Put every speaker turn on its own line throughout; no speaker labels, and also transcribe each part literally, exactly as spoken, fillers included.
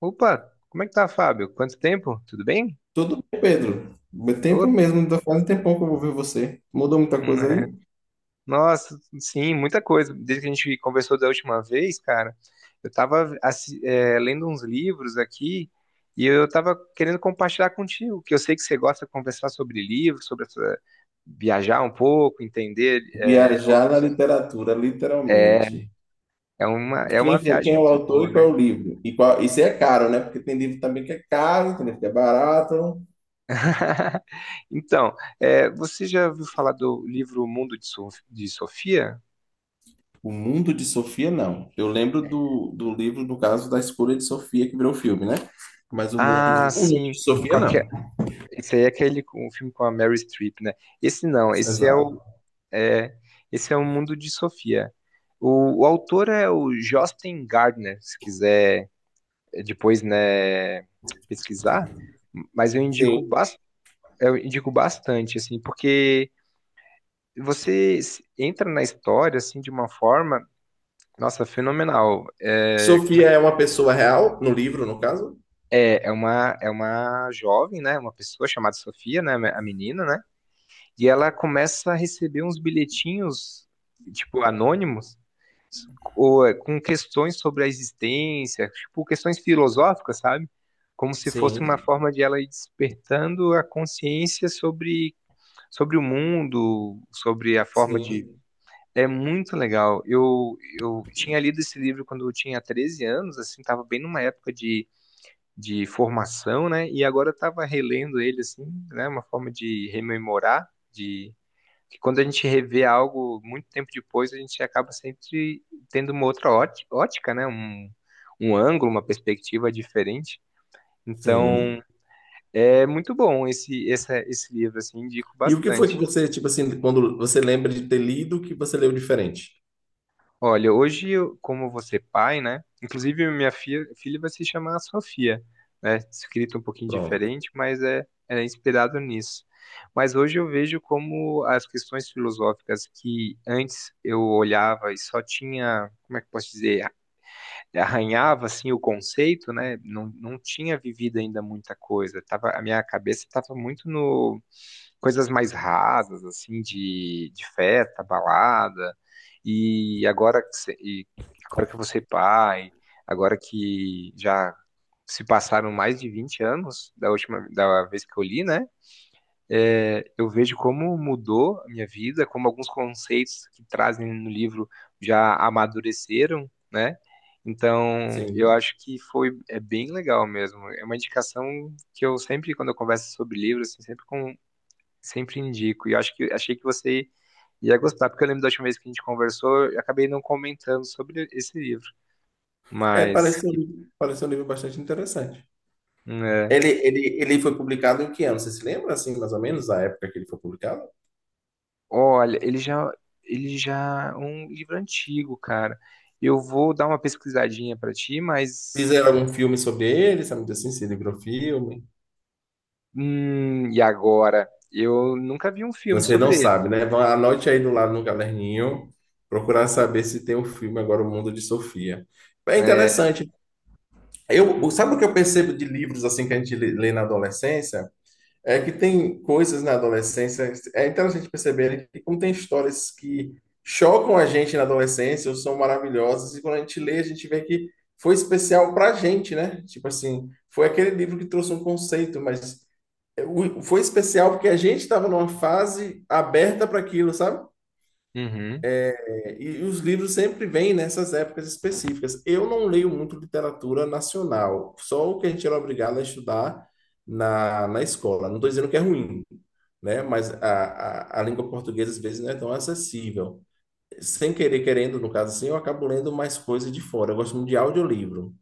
Opa, como é que tá, Fábio? Quanto tempo? Tudo bem?
Tudo bem, Pedro. Meu Tempo
Tô-
mesmo, ainda faz um tempão que eu vou ver você. Mudou muita
hum,
coisa
é.
aí?
Nossa, sim, muita coisa. Desde que a gente conversou da última vez, cara, eu tava assi- é, lendo uns livros aqui e eu tava querendo compartilhar contigo, que eu sei que você gosta de conversar sobre livros, sobre essa- viajar um pouco, entender é,
Viajar na
novos.
literatura,
É,
literalmente.
é uma, é uma
Quem foi,
viagem
quem é o
muito
autor
boa,
e
né?
qual é o livro? E qual, isso é caro, né? Porque tem livro também que é caro, tem livro que é barato.
Então, é, você já ouviu falar do livro Mundo de Sof- de Sofia?
O Mundo de Sofia, não. Eu lembro do, do livro, no caso, da escolha de Sofia, que virou filme, né? Mas o
Ah,
Mundo, o Mundo
sim.
de Sofia,
Qual que é?
não.
Esse aí é aquele com- o filme com a Mary Streep, né? Esse não, esse é o
Exato.
é, esse é o Mundo de Sofia. O, o autor é o Josten Gardner, se quiser eh, depois, né, pesquisar, mas eu indico,
Sim.
bas- eu indico bastante assim, porque você s- entra na história assim de uma forma, nossa, fenomenal. É, como é,
Sofia
que-
é uma pessoa real, no livro, no caso?
é é uma é uma jovem, né, uma pessoa chamada Sofia, né, a menina, né? E ela começa a receber uns bilhetinhos, tipo, anônimos, ou, é, com questões sobre a existência, tipo, questões filosóficas, sabe? Como se fosse uma
Sim,
forma de ela ir despertando a consciência sobre, sobre o mundo, sobre a forma de.
sim,
É muito legal. Eu, eu tinha lido esse livro quando eu tinha treze anos, assim, tava bem numa época de, de formação, né? E agora eu tava relendo ele, assim, né? Uma forma de rememorar, de que quando a gente revê algo muito tempo depois, a gente acaba sempre tendo uma outra óti- ótica, né? Um, um ângulo, uma perspectiva diferente.
sim.
Então, é muito bom esse, essa- esse livro, assim, indico
E o que foi que
bastante.
você, tipo assim, quando você lembra de ter lido, que você leu diferente?
Olha, hoje, eu, como você é pai, né? Inclusive, minha fi- filha vai se chamar Sofia, né? Escrito um pouquinho
Pronto.
diferente, mas é, é inspirado nisso. Mas hoje eu vejo como as questões filosóficas que antes eu olhava e só tinha, como é que eu posso dizer, arranhava assim o conceito, né? Não, não tinha vivido ainda muita coisa. Tava, a minha cabeça estava muito no coisas mais rasas, assim, de, de festa, balada. E agora, que cê- e agora que você é pai, agora que já se passaram mais de vinte anos da última da vez que eu li, né? É, eu vejo como mudou a minha vida, como alguns conceitos que trazem no livro já amadureceram, né? Então, eu
Sim.
acho que foi é bem legal mesmo. É uma indicação que eu sempre, quando eu converso sobre livros, assim, sempre com, sempre indico. E eu acho que achei que você ia gostar, porque eu lembro da última vez que a gente conversou, eu acabei não comentando sobre esse livro.
É,
Mas,
parece um, livro- parece um livro bastante interessante.
né,
Ele, ele, ele foi publicado em que ano? Você se lembra, assim, mais ou menos, a época que ele foi publicado?
olha, ele já, ele já é um livro antigo, cara. Eu vou dar uma pesquisadinha pra ti, mas
Fizeram algum filme sobre ele, sabe assim, se livrou filme.
hum, e agora? Eu nunca vi um filme
Você não
sobre ele.
sabe, né? Vá- Anote aí do lado no caderninho, procurar saber se tem o filme agora, O Mundo de Sofia. É
É.
interessante. Eu, o- sabe o
Uhum.
que eu percebo de livros, assim, que a gente lê lê na adolescência? É que tem coisas na adolescência, é interessante perceber, né, que como tem histórias que chocam a gente na adolescência ou são maravilhosas, e quando a gente lê, a gente vê que foi especial pra gente, né? Tipo assim, foi aquele livro que trouxe um conceito, mas eh, o- foi especial porque a gente estava numa fase aberta para aquilo, sabe?
Uhum.
É, e os livros sempre vêm nessas épocas específicas. Eu não leio muito literatura nacional, só o que a gente era obrigado a estudar na, na escola. Não estou dizendo que é ruim, né? Mas a, a, a língua portuguesa às vezes não é tão acessível. Sem querer, querendo, no caso assim, eu acabo lendo mais coisas de fora. Eu gosto muito de audiolivro.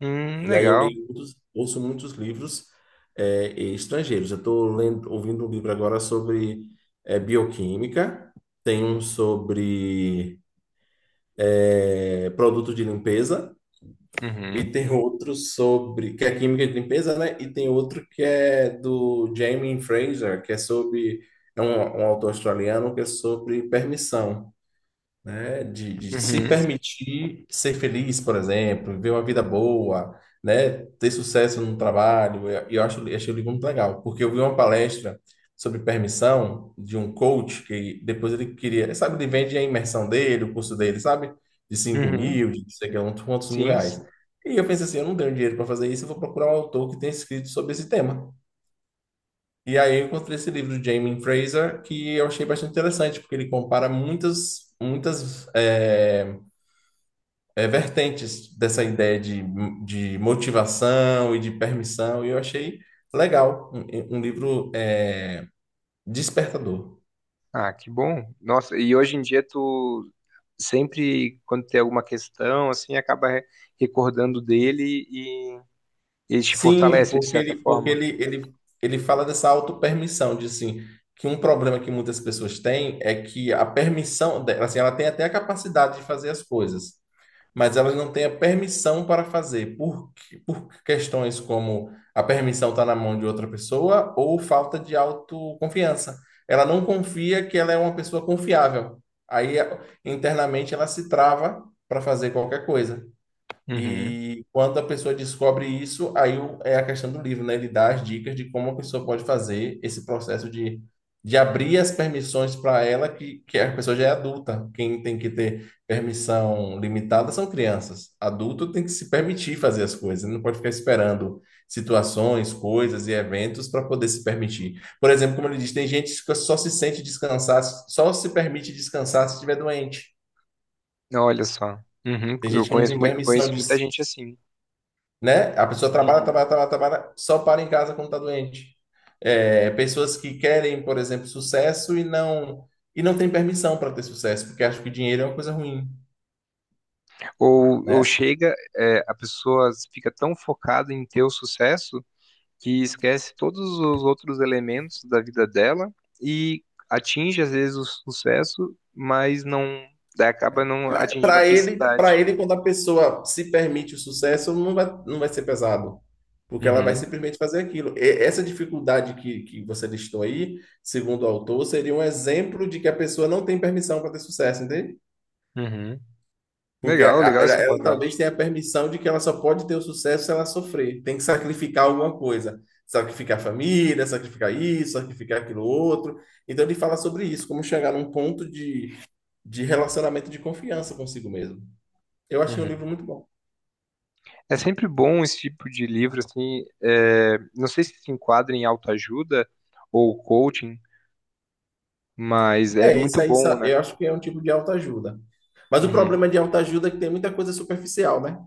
Hum,
E aí eu
legal.
leio muitos, ouço muitos livros eh, estrangeiros. Eu estou lendo, ouvindo um livro agora sobre eh, bioquímica, tem um sobre é, produtos de limpeza, e
Uhum.
tem outro sobre, que é química de limpeza, né? E tem outro que é do Jamie Fraser, que é sobre, é um, um autor australiano, que é sobre permissão, né? De, de se
Uhum.
permitir ser feliz, por exemplo, viver uma vida boa, né? Ter sucesso no trabalho. E Eu, eu acho, eu achei o livro muito legal, porque eu vi uma palestra sobre permissão de um coach que depois ele queria, sabe, ele vende a imersão dele, o curso dele, sabe? De cinco
Uhum.
mil, de não sei o que, quantos quantos mil
Sim,
reais.
sim.
E eu pensei assim, eu não tenho dinheiro para fazer isso, eu vou procurar um autor que tenha escrito sobre esse tema. E aí eu encontrei esse livro do Jamie Fraser que eu achei bastante interessante, porque ele compara muitas, muitas é, é, vertentes dessa ideia de, de motivação e de permissão, e eu achei legal, um, um livro é, despertador.
Ah, que bom. Nossa, e hoje em dia tu sempre quando tem alguma questão, assim, acaba re- recordando dele e ele te
Sim,
fortalece de
porque
certa
ele, porque
forma.
ele, ele, ele fala dessa autopermissão, de assim, que um problema que muitas pessoas têm é que a permissão, dela, assim, ela tem até a capacidade de fazer as coisas, mas elas não têm a permissão para fazer, por, por questões como a permissão está na mão de outra pessoa ou falta de autoconfiança. Ela não confia que ela é uma pessoa confiável. Aí, internamente, ela se trava para fazer qualquer coisa.
Uhum.
E quando a pessoa descobre isso, aí o- é a questão do livro, né? Ele dá as dicas de como a pessoa pode fazer esse processo de, de abrir as permissões para ela, que, que a pessoa já é adulta. Quem tem que ter permissão limitada são crianças. Adulto tem que se permitir fazer as coisas, não pode ficar esperando situações, coisas e eventos para poder se permitir. Por exemplo, como ele diz, tem gente que fica- só se sente descansar, só se permite descansar se estiver doente.
Olha só. Uhum.
Tem
Eu
gente que não
conheço,
tem
mui-
permissão
conheço
de,
muita gente assim.
né? A pessoa trabalha,
Uhum.
trabalha, trabalha, trabalha, só para em casa quando está doente. É, pessoas que querem, por exemplo, sucesso e não e não tem permissão para ter sucesso, porque acham que dinheiro é uma coisa ruim,
Ou, ou
né?
chega, é, a pessoa fica tão focada em ter o sucesso que esquece todos os outros elementos da vida dela e atinge às vezes o sucesso, mas não acaba não atingindo a
Para ele, para
felicidade.
ele, quando a pessoa se permite o sucesso, não vai, não vai ser pesado, porque ela vai
Uhum.
simplesmente fazer aquilo. E essa dificuldade que, que você listou aí, segundo o autor, seria um exemplo de que a pessoa não tem permissão para ter sucesso, entende?
Uhum.
Porque
Legal,
a- a-
legal
ela,
essa
ela
abordagem.
talvez tenha a permissão de que ela só pode ter o sucesso se ela sofrer. Tem que sacrificar alguma coisa. Sacrificar a família, sacrificar isso, sacrificar aquilo outro. Então ele fala sobre isso, como chegar num ponto de, de relacionamento de confiança consigo mesmo. Eu achei um livro
Uhum.
muito bom.
É sempre bom esse tipo de livro, assim, é, não sei se se enquadra em autoajuda ou coaching, mas é
É,
muito
esse aí
bom,
sa-
né?
eu acho que é um tipo de autoajuda. Mas o
Uhum.
problema de autoajuda é que tem muita coisa superficial, né?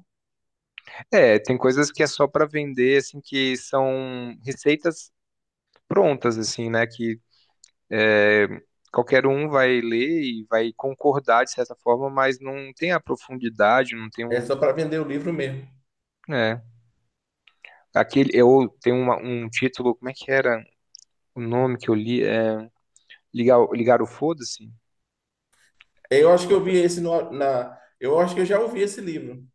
É, tem coisas que é só para vender, assim, que são receitas prontas, assim, né? Que é, qualquer um vai ler e vai concordar de certa forma, mas não tem a profundidade, não tem
É só
um,
para vender o livro mesmo.
né? Aquele, eu tenho uma- um título, como é que era o nome que eu li? É, ligar, ligar o foda-se?
Eu acho que eu vi esse no- na. Eu acho que eu já ouvi esse livro.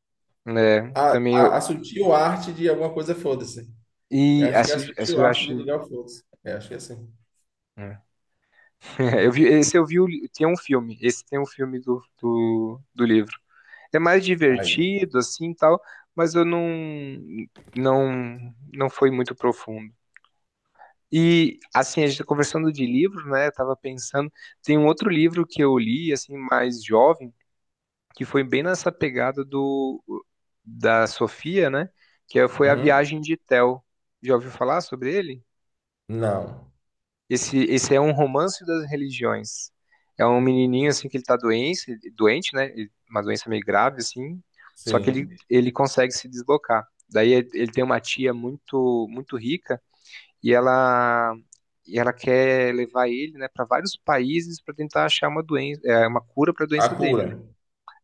É,
A,
também
a, a
eu.
sutil arte de alguma coisa, foda-se. Eu
E
acho que é
essa,
a
essa
sutil
eu
arte de
acho.
ligar o fluxo. Eu acho que é assim.
É. Eu vi, esse eu vi. o li- Tem um filme. Esse tem um filme do, do, do livro. É mais
Aí.
divertido, assim tal, mas eu não. Não, não foi muito profundo. E, assim, a gente tá conversando de livro, né? Eu tava pensando. Tem um outro livro que eu li, assim, mais jovem, que foi bem nessa pegada do. Da Sofia, né? Que é- foi A
Uhum.
Viagem de Théo. Já ouviu falar sobre ele?
Não.
Esse, esse é um romance das religiões. É um menininho assim que ele tá doente, doente, né? Uma doença meio grave assim. Só que ele,
Sim.
ele consegue se deslocar. Daí ele tem uma tia muito muito rica e ela e ela quer levar ele, né, para vários países para tentar achar uma doença, é, uma cura para a
A
doença dele,
cura.
né?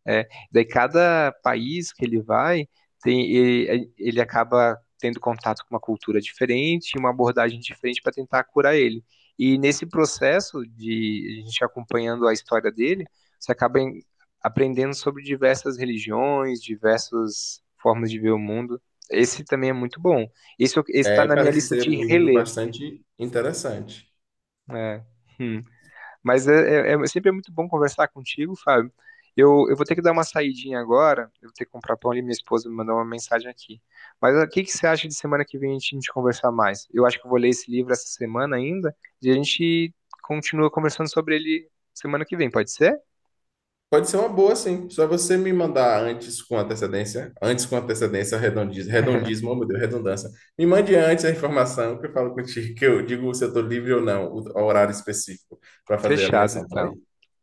É, daí cada país que ele vai, tem, ele, ele acaba tendo contato com uma cultura diferente, uma abordagem diferente para tentar curar ele. E nesse processo de a gente acompanhando a história dele, você acaba em- aprendendo sobre diversas religiões, diversas formas de ver o mundo. Esse também é muito bom. Esse está
É,
na minha
parece
lista
ser
de
um livro
reler.
bastante interessante.
É. Mas é, é- é- sempre é muito bom conversar contigo, Fábio. Eu, eu vou ter que dar uma saidinha agora. Eu vou ter que comprar pão ali. Minha esposa me mandou uma mensagem aqui. Mas ah, o que que você acha de semana que vem a gente, a gente conversar mais? Eu acho que eu vou ler esse livro essa semana ainda. E a gente continua conversando sobre ele semana que vem, pode ser?
Pode ser uma boa, sim. Só você me mandar antes com antecedência, antes com antecedência, redondismo, redondismo, oh, meu Deus, redundância. Me mande antes a informação que eu falo contigo, que eu digo se eu estou livre ou não, o o horário específico para fazer a
Fechado,
ligação, tá
então.
bem?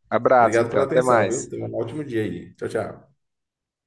Abraço,
Obrigado
então.
pela
Até
atenção, viu?
mais.
Tenha um ótimo dia aí. Tchau, tchau.